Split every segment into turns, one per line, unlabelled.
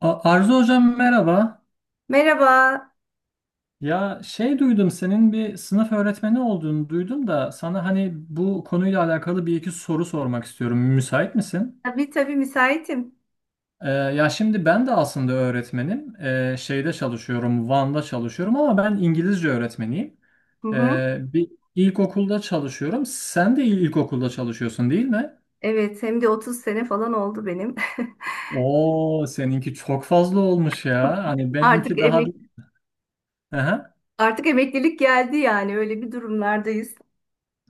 Arzu hocam, merhaba.
Merhaba.
Ya şey duydum, senin bir sınıf öğretmeni olduğunu duydum da sana hani bu konuyla alakalı bir iki soru sormak istiyorum. Müsait misin?
Tabii tabii müsaitim.
Ya şimdi ben de aslında öğretmenim. Şeyde çalışıyorum, Van'da çalışıyorum ama ben İngilizce öğretmeniyim.
Hı hı.
Bir ilkokulda çalışıyorum. Sen de ilkokulda çalışıyorsun, değil mi?
Evet, hem de 30 sene falan oldu benim.
Oo, seninki çok fazla olmuş ya. Hani
Artık
benimki daha...
emek
Aha.
artık emeklilik geldi, yani öyle bir durumlardayız.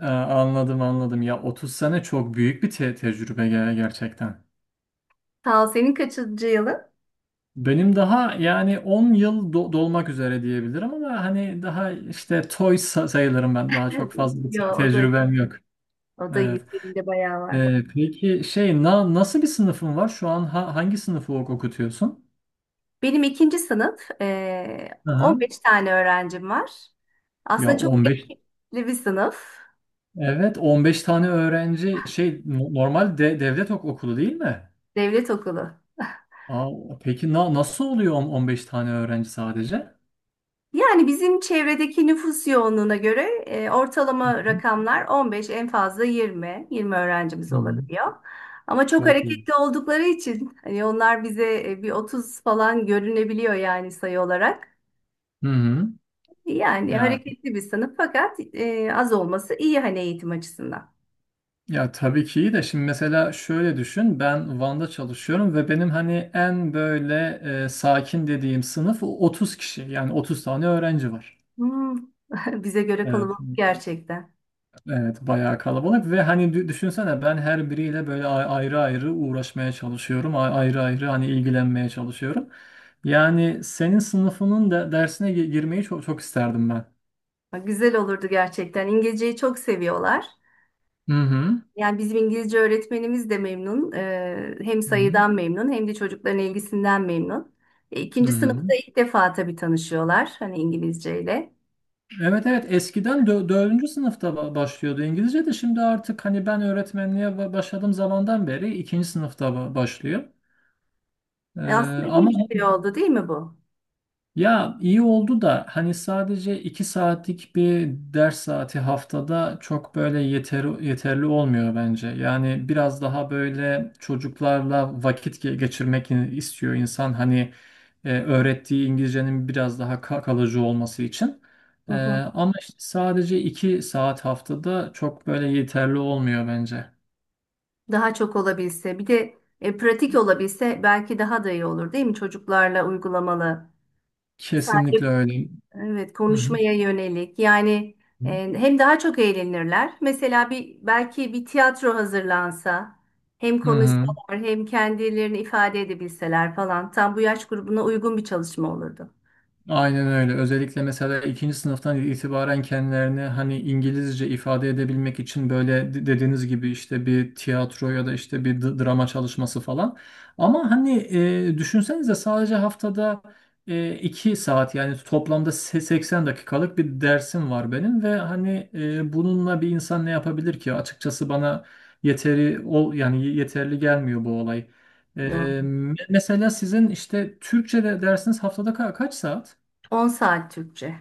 Aa, anladım anladım. Ya 30 sene çok büyük bir tecrübe gerçekten.
Sağ ol. Senin kaçıncı yılın?
Benim daha yani 10 yıl dolmak üzere diyebilirim ama hani daha işte toy sayılırım ben. Daha
Evet.
çok fazla bir
Ya o da
tecrübem yok.
o da
Evet.
iyi. Senin de bayağı var.
Peki şey nasıl bir sınıfın var? Şu an hangi sınıfı okutuyorsun?
Benim ikinci sınıf.
Hı hı.
15 tane öğrencim var.
Ya
Aslında çok
15,
renkli bir sınıf.
evet, 15 tane öğrenci şey normal de devlet okulu değil mi?
Devlet okulu.
Aa, peki nasıl oluyor, 15 tane öğrenci sadece?
Yani bizim çevredeki nüfus yoğunluğuna göre
Hı
ortalama
hı.
rakamlar 15, en fazla 20, 20 öğrencimiz
Hı hı.
olabiliyor. Ama çok
Çok iyi.
hareketli oldukları için hani onlar bize bir 30 falan görünebiliyor yani sayı olarak.
Hı hı.
Yani
Ya
hareketli bir sınıf, fakat az olması iyi hani eğitim açısından.
ya tabii ki iyi de şimdi mesela şöyle düşün, ben Van'da çalışıyorum ve benim hani en böyle sakin dediğim sınıf 30 kişi, yani 30 tane öğrenci var.
Hmm. Bize göre
Evet.
kalabalık gerçekten.
Evet, bayağı kalabalık ve hani düşünsene, ben her biriyle böyle ayrı ayrı uğraşmaya çalışıyorum. Ayrı ayrı hani ilgilenmeye çalışıyorum. Yani senin sınıfının da dersine girmeyi çok çok isterdim ben.
Ha, güzel olurdu gerçekten. İngilizceyi çok seviyorlar.
Hı hı.
Yani bizim İngilizce öğretmenimiz de memnun. Hem
Hı hı.
sayıdan memnun hem de çocukların ilgisinden memnun.
Hı
İkinci
hı.
sınıfta ilk defa tabii tanışıyorlar hani İngilizceyle.
Evet evet, eskiden dördüncü sınıfta başlıyordu İngilizce de şimdi artık hani ben öğretmenliğe başladığım zamandan beri ikinci sınıfta başlıyor.
E,
Ee,
aslında iyi
ama
bir şey oldu değil mi bu?
ya iyi oldu da hani sadece 2 saatlik bir ders saati haftada çok böyle yeterli olmuyor bence. Yani biraz daha böyle çocuklarla vakit geçirmek istiyor insan. Hani öğrettiği İngilizcenin biraz daha kalıcı olması için.
Hı
E,
hı.
Ama işte sadece 2 saat haftada çok böyle yeterli olmuyor bence.
Daha çok olabilse, bir de pratik olabilse, belki daha da iyi olur değil mi? Çocuklarla uygulamalı.
Kesinlikle
Sadece
öyle.
Evet,
Hı hı.
konuşmaya yönelik. Yani e, hem daha çok eğlenirler. Mesela belki bir tiyatro hazırlansa, hem
Hı hı.
konuşsalar hem kendilerini ifade edebilseler falan, tam bu yaş grubuna uygun bir çalışma olurdu.
Aynen öyle. Özellikle mesela ikinci sınıftan itibaren kendilerini hani İngilizce ifade edebilmek için böyle dediğiniz gibi işte bir tiyatro ya da işte bir drama çalışması falan. Ama hani düşünsenize, sadece haftada 2 saat, yani toplamda 80 dakikalık bir dersim var benim ve hani bununla bir insan ne yapabilir ki? Açıkçası bana yeteri ol yani yeterli gelmiyor bu olay. E,
Doğru.
Mesela sizin işte Türkçe'de dersiniz haftada kaç saat?
10 saat Türkçe.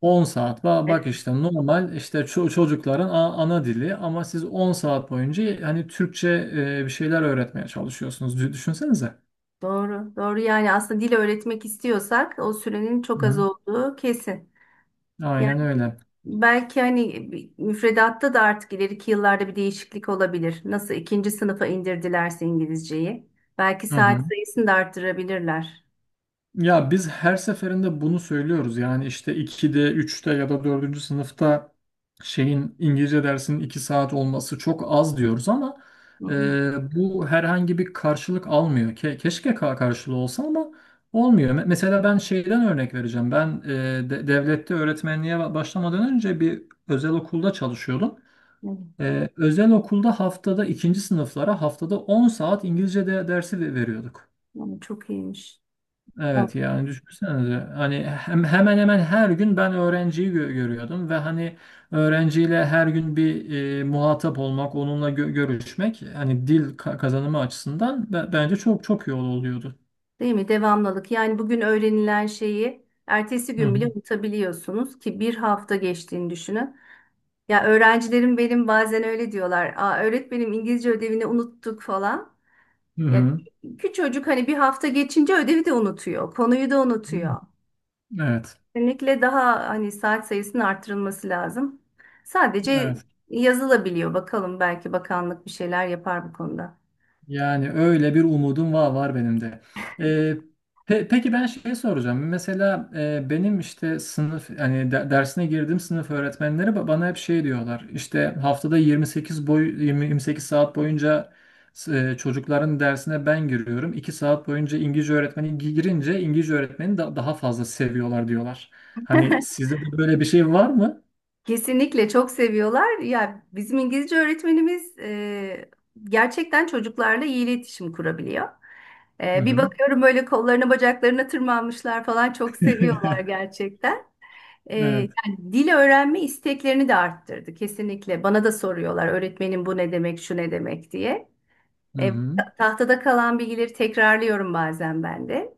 10 saat. Bak,
Evet,
işte normal işte çocukların ana dili ama siz 10 saat boyunca hani Türkçe bir şeyler öğretmeye çalışıyorsunuz. Düşünsenize.
doğru. Doğru, yani aslında dil öğretmek istiyorsak o sürenin çok az
Hı.
olduğu kesin.
Aynen
Yani
öyle.
belki hani müfredatta da artık ileriki yıllarda bir değişiklik olabilir. Nasıl ikinci sınıfa indirdilerse İngilizceyi. Belki
Hı hı.
saat sayısını da arttırabilirler.
Ya biz her seferinde bunu söylüyoruz. Yani işte 2'de, üçte ya da dördüncü sınıfta İngilizce dersinin 2 saat olması çok az diyoruz ama
Hı
e,
hı.
bu herhangi bir karşılık almıyor. Keşke karşılığı olsa ama olmuyor. Mesela ben şeyden örnek vereceğim. Ben devlette öğretmenliğe başlamadan önce bir özel okulda çalışıyordum.
Evet.
Özel okulda ikinci sınıflara haftada 10 saat İngilizce de dersi veriyorduk.
Yani çok iyiymiş. O,
Evet, yani düşünsenize hani hemen hemen her gün ben öğrenciyi görüyordum ve hani öğrenciyle her gün bir muhatap olmak, onunla görüşmek hani dil kazanımı açısından bence çok çok iyi oluyordu.
değil mi? Devamlılık. Yani bugün öğrenilen şeyi ertesi
Hı
gün
hı.
bile unutabiliyorsunuz, ki bir hafta geçtiğini düşünün. Ya öğrencilerim benim bazen öyle diyorlar. Aa, öğretmenim, İngilizce ödevini unuttuk falan.
Hı
Ya
hı.
küçücük, hani bir hafta geçince ödevi de unutuyor, konuyu da
Değil mi?
unutuyor.
Evet.
Kesinlikle daha hani saat sayısının artırılması lazım. Sadece
Evet.
yazılabiliyor. Bakalım, belki bakanlık bir şeyler yapar bu konuda.
Yani öyle bir umudum var benim de. Ee, peki ben şey soracağım. Mesela benim işte sınıf hani dersine girdiğim sınıf öğretmenleri bana hep şey diyorlar. İşte haftada 28 boy 20 28 saat boyunca çocukların dersine ben giriyorum. İki saat boyunca İngilizce öğretmeni girince İngilizce öğretmeni daha fazla seviyorlar diyorlar. Hani sizde de böyle bir şey var mı?
Kesinlikle çok seviyorlar. Ya bizim İngilizce öğretmenimiz gerçekten çocuklarla iyi iletişim kurabiliyor.
Hı
Bir
hı.
bakıyorum böyle, kollarına bacaklarına tırmanmışlar falan, çok seviyorlar gerçekten. E,
Evet.
yani dil öğrenme isteklerini de arttırdı kesinlikle. Bana da soruyorlar öğretmenim, bu ne demek, şu ne demek diye.
Hı
E,
hı.
tahtada kalan bilgileri tekrarlıyorum bazen ben de.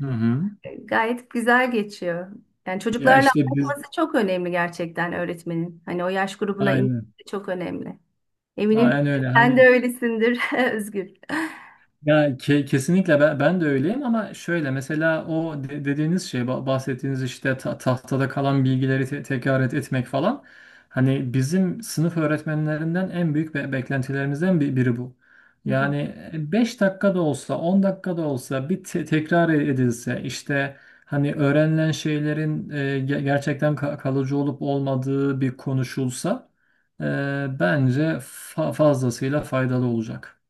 Hı hı.
Gayet güzel geçiyor. Yani
Ya
çocuklarla
işte biz
anlatması çok önemli gerçekten öğretmenin. Hani o yaş grubuna inmesi
aynı.
çok önemli. Eminim
Aynen öyle,
sen de
hani
öylesindir Özgür.
ya kesinlikle ben de öyleyim ama şöyle mesela o dediğiniz şey bahsettiğiniz işte tahtada kalan bilgileri tekrar etmek falan, hani bizim sınıf öğretmenlerinden en büyük beklentilerimizden biri bu.
Hı hı.
Yani 5 dakika da olsa, 10 dakika da olsa bir tekrar edilse, işte hani öğrenilen şeylerin gerçekten kalıcı olup olmadığı bir konuşulsa e, bence fazlasıyla faydalı olacak.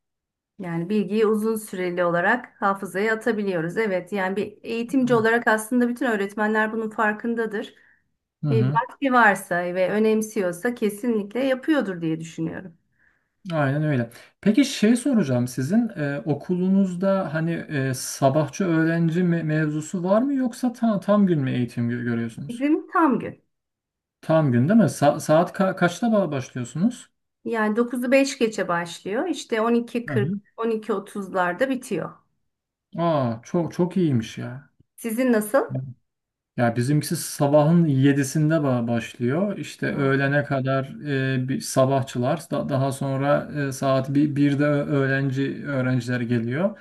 Yani bilgiyi uzun süreli olarak hafızaya atabiliyoruz. Evet, yani bir eğitimci olarak aslında bütün öğretmenler bunun farkındadır.
Hı
E,
hı,
vakti varsa ve önemsiyorsa kesinlikle yapıyordur diye düşünüyorum.
aynen öyle. Peki şey soracağım, sizin okulunuzda hani sabahçı öğrenci mevzusu var mı, yoksa tam gün mü eğitim görüyorsunuz?
Bizim tam gün.
Tam gün değil mi? Saat kaçta başlıyorsunuz?
Yani dokuzu 5 geçe başlıyor. İşte
Hı hı.
12.40, 12.30'larda bitiyor.
Aa, çok çok iyiymiş ya.
Sizin nasıl?
Ya bizimkisi sabahın yedisinde başlıyor. İşte
Aa,
öğlene kadar bir sabahçılar, daha sonra saat 1'de öğrenciler geliyor.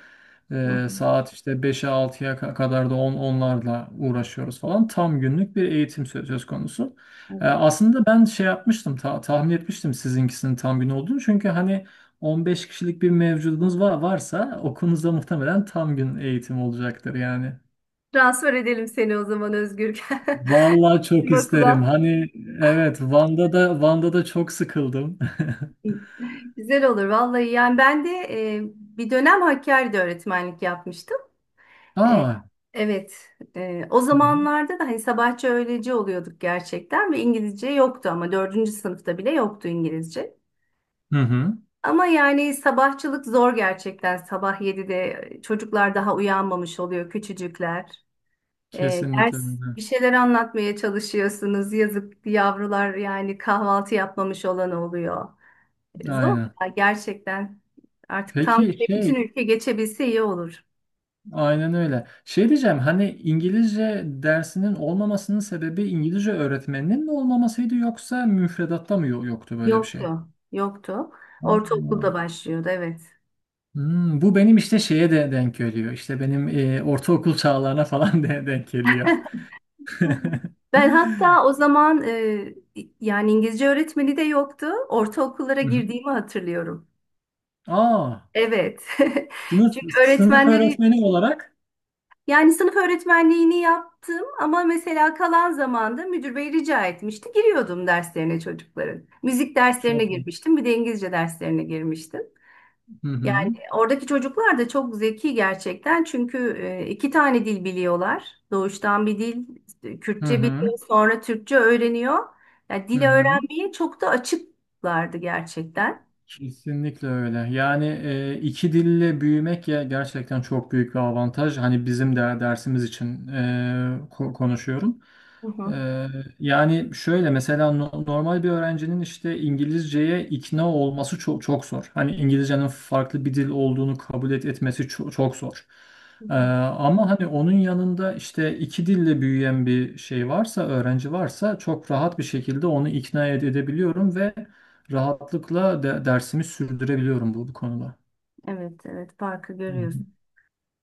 hı hı,
Saat işte beşe altıya kadar da onlarla uğraşıyoruz falan. Tam günlük bir eğitim söz konusu.
evet.
Aslında ben şey yapmıştım, tahmin etmiştim sizinkisinin tam gün olduğunu. Çünkü hani 15 kişilik bir mevcudunuz varsa okulunuzda muhtemelen tam gün eğitim olacaktır yani.
Transfer edelim seni o zaman Özgür.
Vallahi çok
Bizim
isterim.
okula.
Hani evet, Van'da da çok sıkıldım.
Güzel olur vallahi. Yani ben de bir dönem Hakkari'de öğretmenlik yapmıştım. E,
Aa.
evet. O zamanlarda da hani sabahçı öğleci oluyorduk gerçekten, ve İngilizce yoktu, ama dördüncü sınıfta bile yoktu İngilizce.
Hı hı.
Ama yani sabahçılık zor gerçekten. Sabah 7'de çocuklar daha uyanmamış oluyor, küçücükler. Ee,
Kesinlikle
ders
öyle.
bir şeyler anlatmaya çalışıyorsunuz. Yazık yavrular, yani kahvaltı yapmamış olan oluyor. Zor
Aynen.
ya gerçekten. Artık tam
Peki
böyle bütün
şey,
ülke geçebilse iyi olur.
aynen öyle. Şey diyeceğim, hani İngilizce dersinin olmamasının sebebi İngilizce öğretmeninin mi olmamasıydı, yoksa müfredatta mı yoktu böyle bir şey?
Yoktu, yoktu.
Aa.
Ortaokulda başlıyordu, evet.
Hmm, bu benim işte şeye de denk geliyor. İşte benim ortaokul çağlarına falan de denk geliyor. Hı
Hı. Ben hatta o zaman yani İngilizce öğretmeni de yoktu. Ortaokullara
hı.
girdiğimi hatırlıyorum.
Aa.
Evet. Çünkü
Sınıf
öğretmenleri,
öğretmeni olarak
yani sınıf öğretmenliğini yaptım ama mesela kalan zamanda müdür bey rica etmişti. Giriyordum derslerine çocukların. Müzik derslerine
çok iyi.
girmiştim, bir de İngilizce derslerine girmiştim.
Hı hı.
Yani oradaki çocuklar da çok zeki gerçekten, çünkü iki tane dil biliyorlar. Doğuştan bir dil,
Hı
Kürtçe
hı.
biliyor, sonra Türkçe öğreniyor. Yani
Hı
dili
hı.
öğrenmeye çok da açıklardı gerçekten.
Kesinlikle öyle. Yani iki dille büyümek ya gerçekten çok büyük bir avantaj. Hani bizim de dersimiz için konuşuyorum.
Hı hı.
Ee, Yani şöyle mesela normal bir öğrencinin işte İngilizceye ikna olması çok çok zor. Hani İngilizcenin farklı bir dil olduğunu kabul etmesi çok, çok zor.
Hı hı.
Ama hani onun yanında işte iki dille büyüyen bir şey varsa, öğrenci varsa çok rahat bir şekilde onu ikna edebiliyorum ve rahatlıkla dersimi sürdürebiliyorum bu konuda.
Evet, evet, farkı görüyoruz.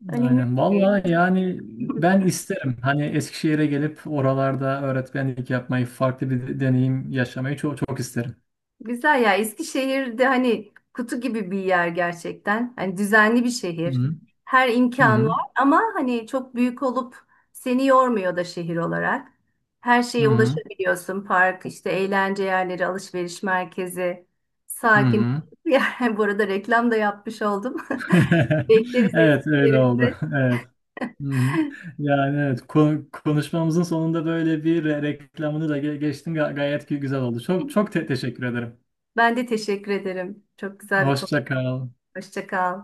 Önemli
Aynen.
bir şey.
Vallahi yani ben isterim. Hani Eskişehir'e gelip oralarda öğretmenlik yapmayı, farklı bir deneyim yaşamayı çok çok isterim.
Güzel ya, Eskişehir'de hani kutu gibi bir yer gerçekten. Hani düzenli bir
Hı
şehir.
hı.
Her
Hı
imkan
hı.
var ama hani çok büyük olup seni yormuyor da şehir olarak. Her
Hı
şeye
hı.
ulaşabiliyorsun. Park, işte eğlence yerleri, alışveriş merkezi,
Hı
sakin
hı.
bir yer. Bu arada reklam da yapmış oldum. Bekleriz
Evet öyle oldu.
Eskişehir'imizi.
Evet. Hı hı. Yani evet, konuşmamızın sonunda böyle bir reklamını da geçtim. Gayet güzel oldu. Çok çok teşekkür ederim.
Ben de teşekkür ederim. Çok güzel bir konu.
Hoşça kal.
Hoşça kal.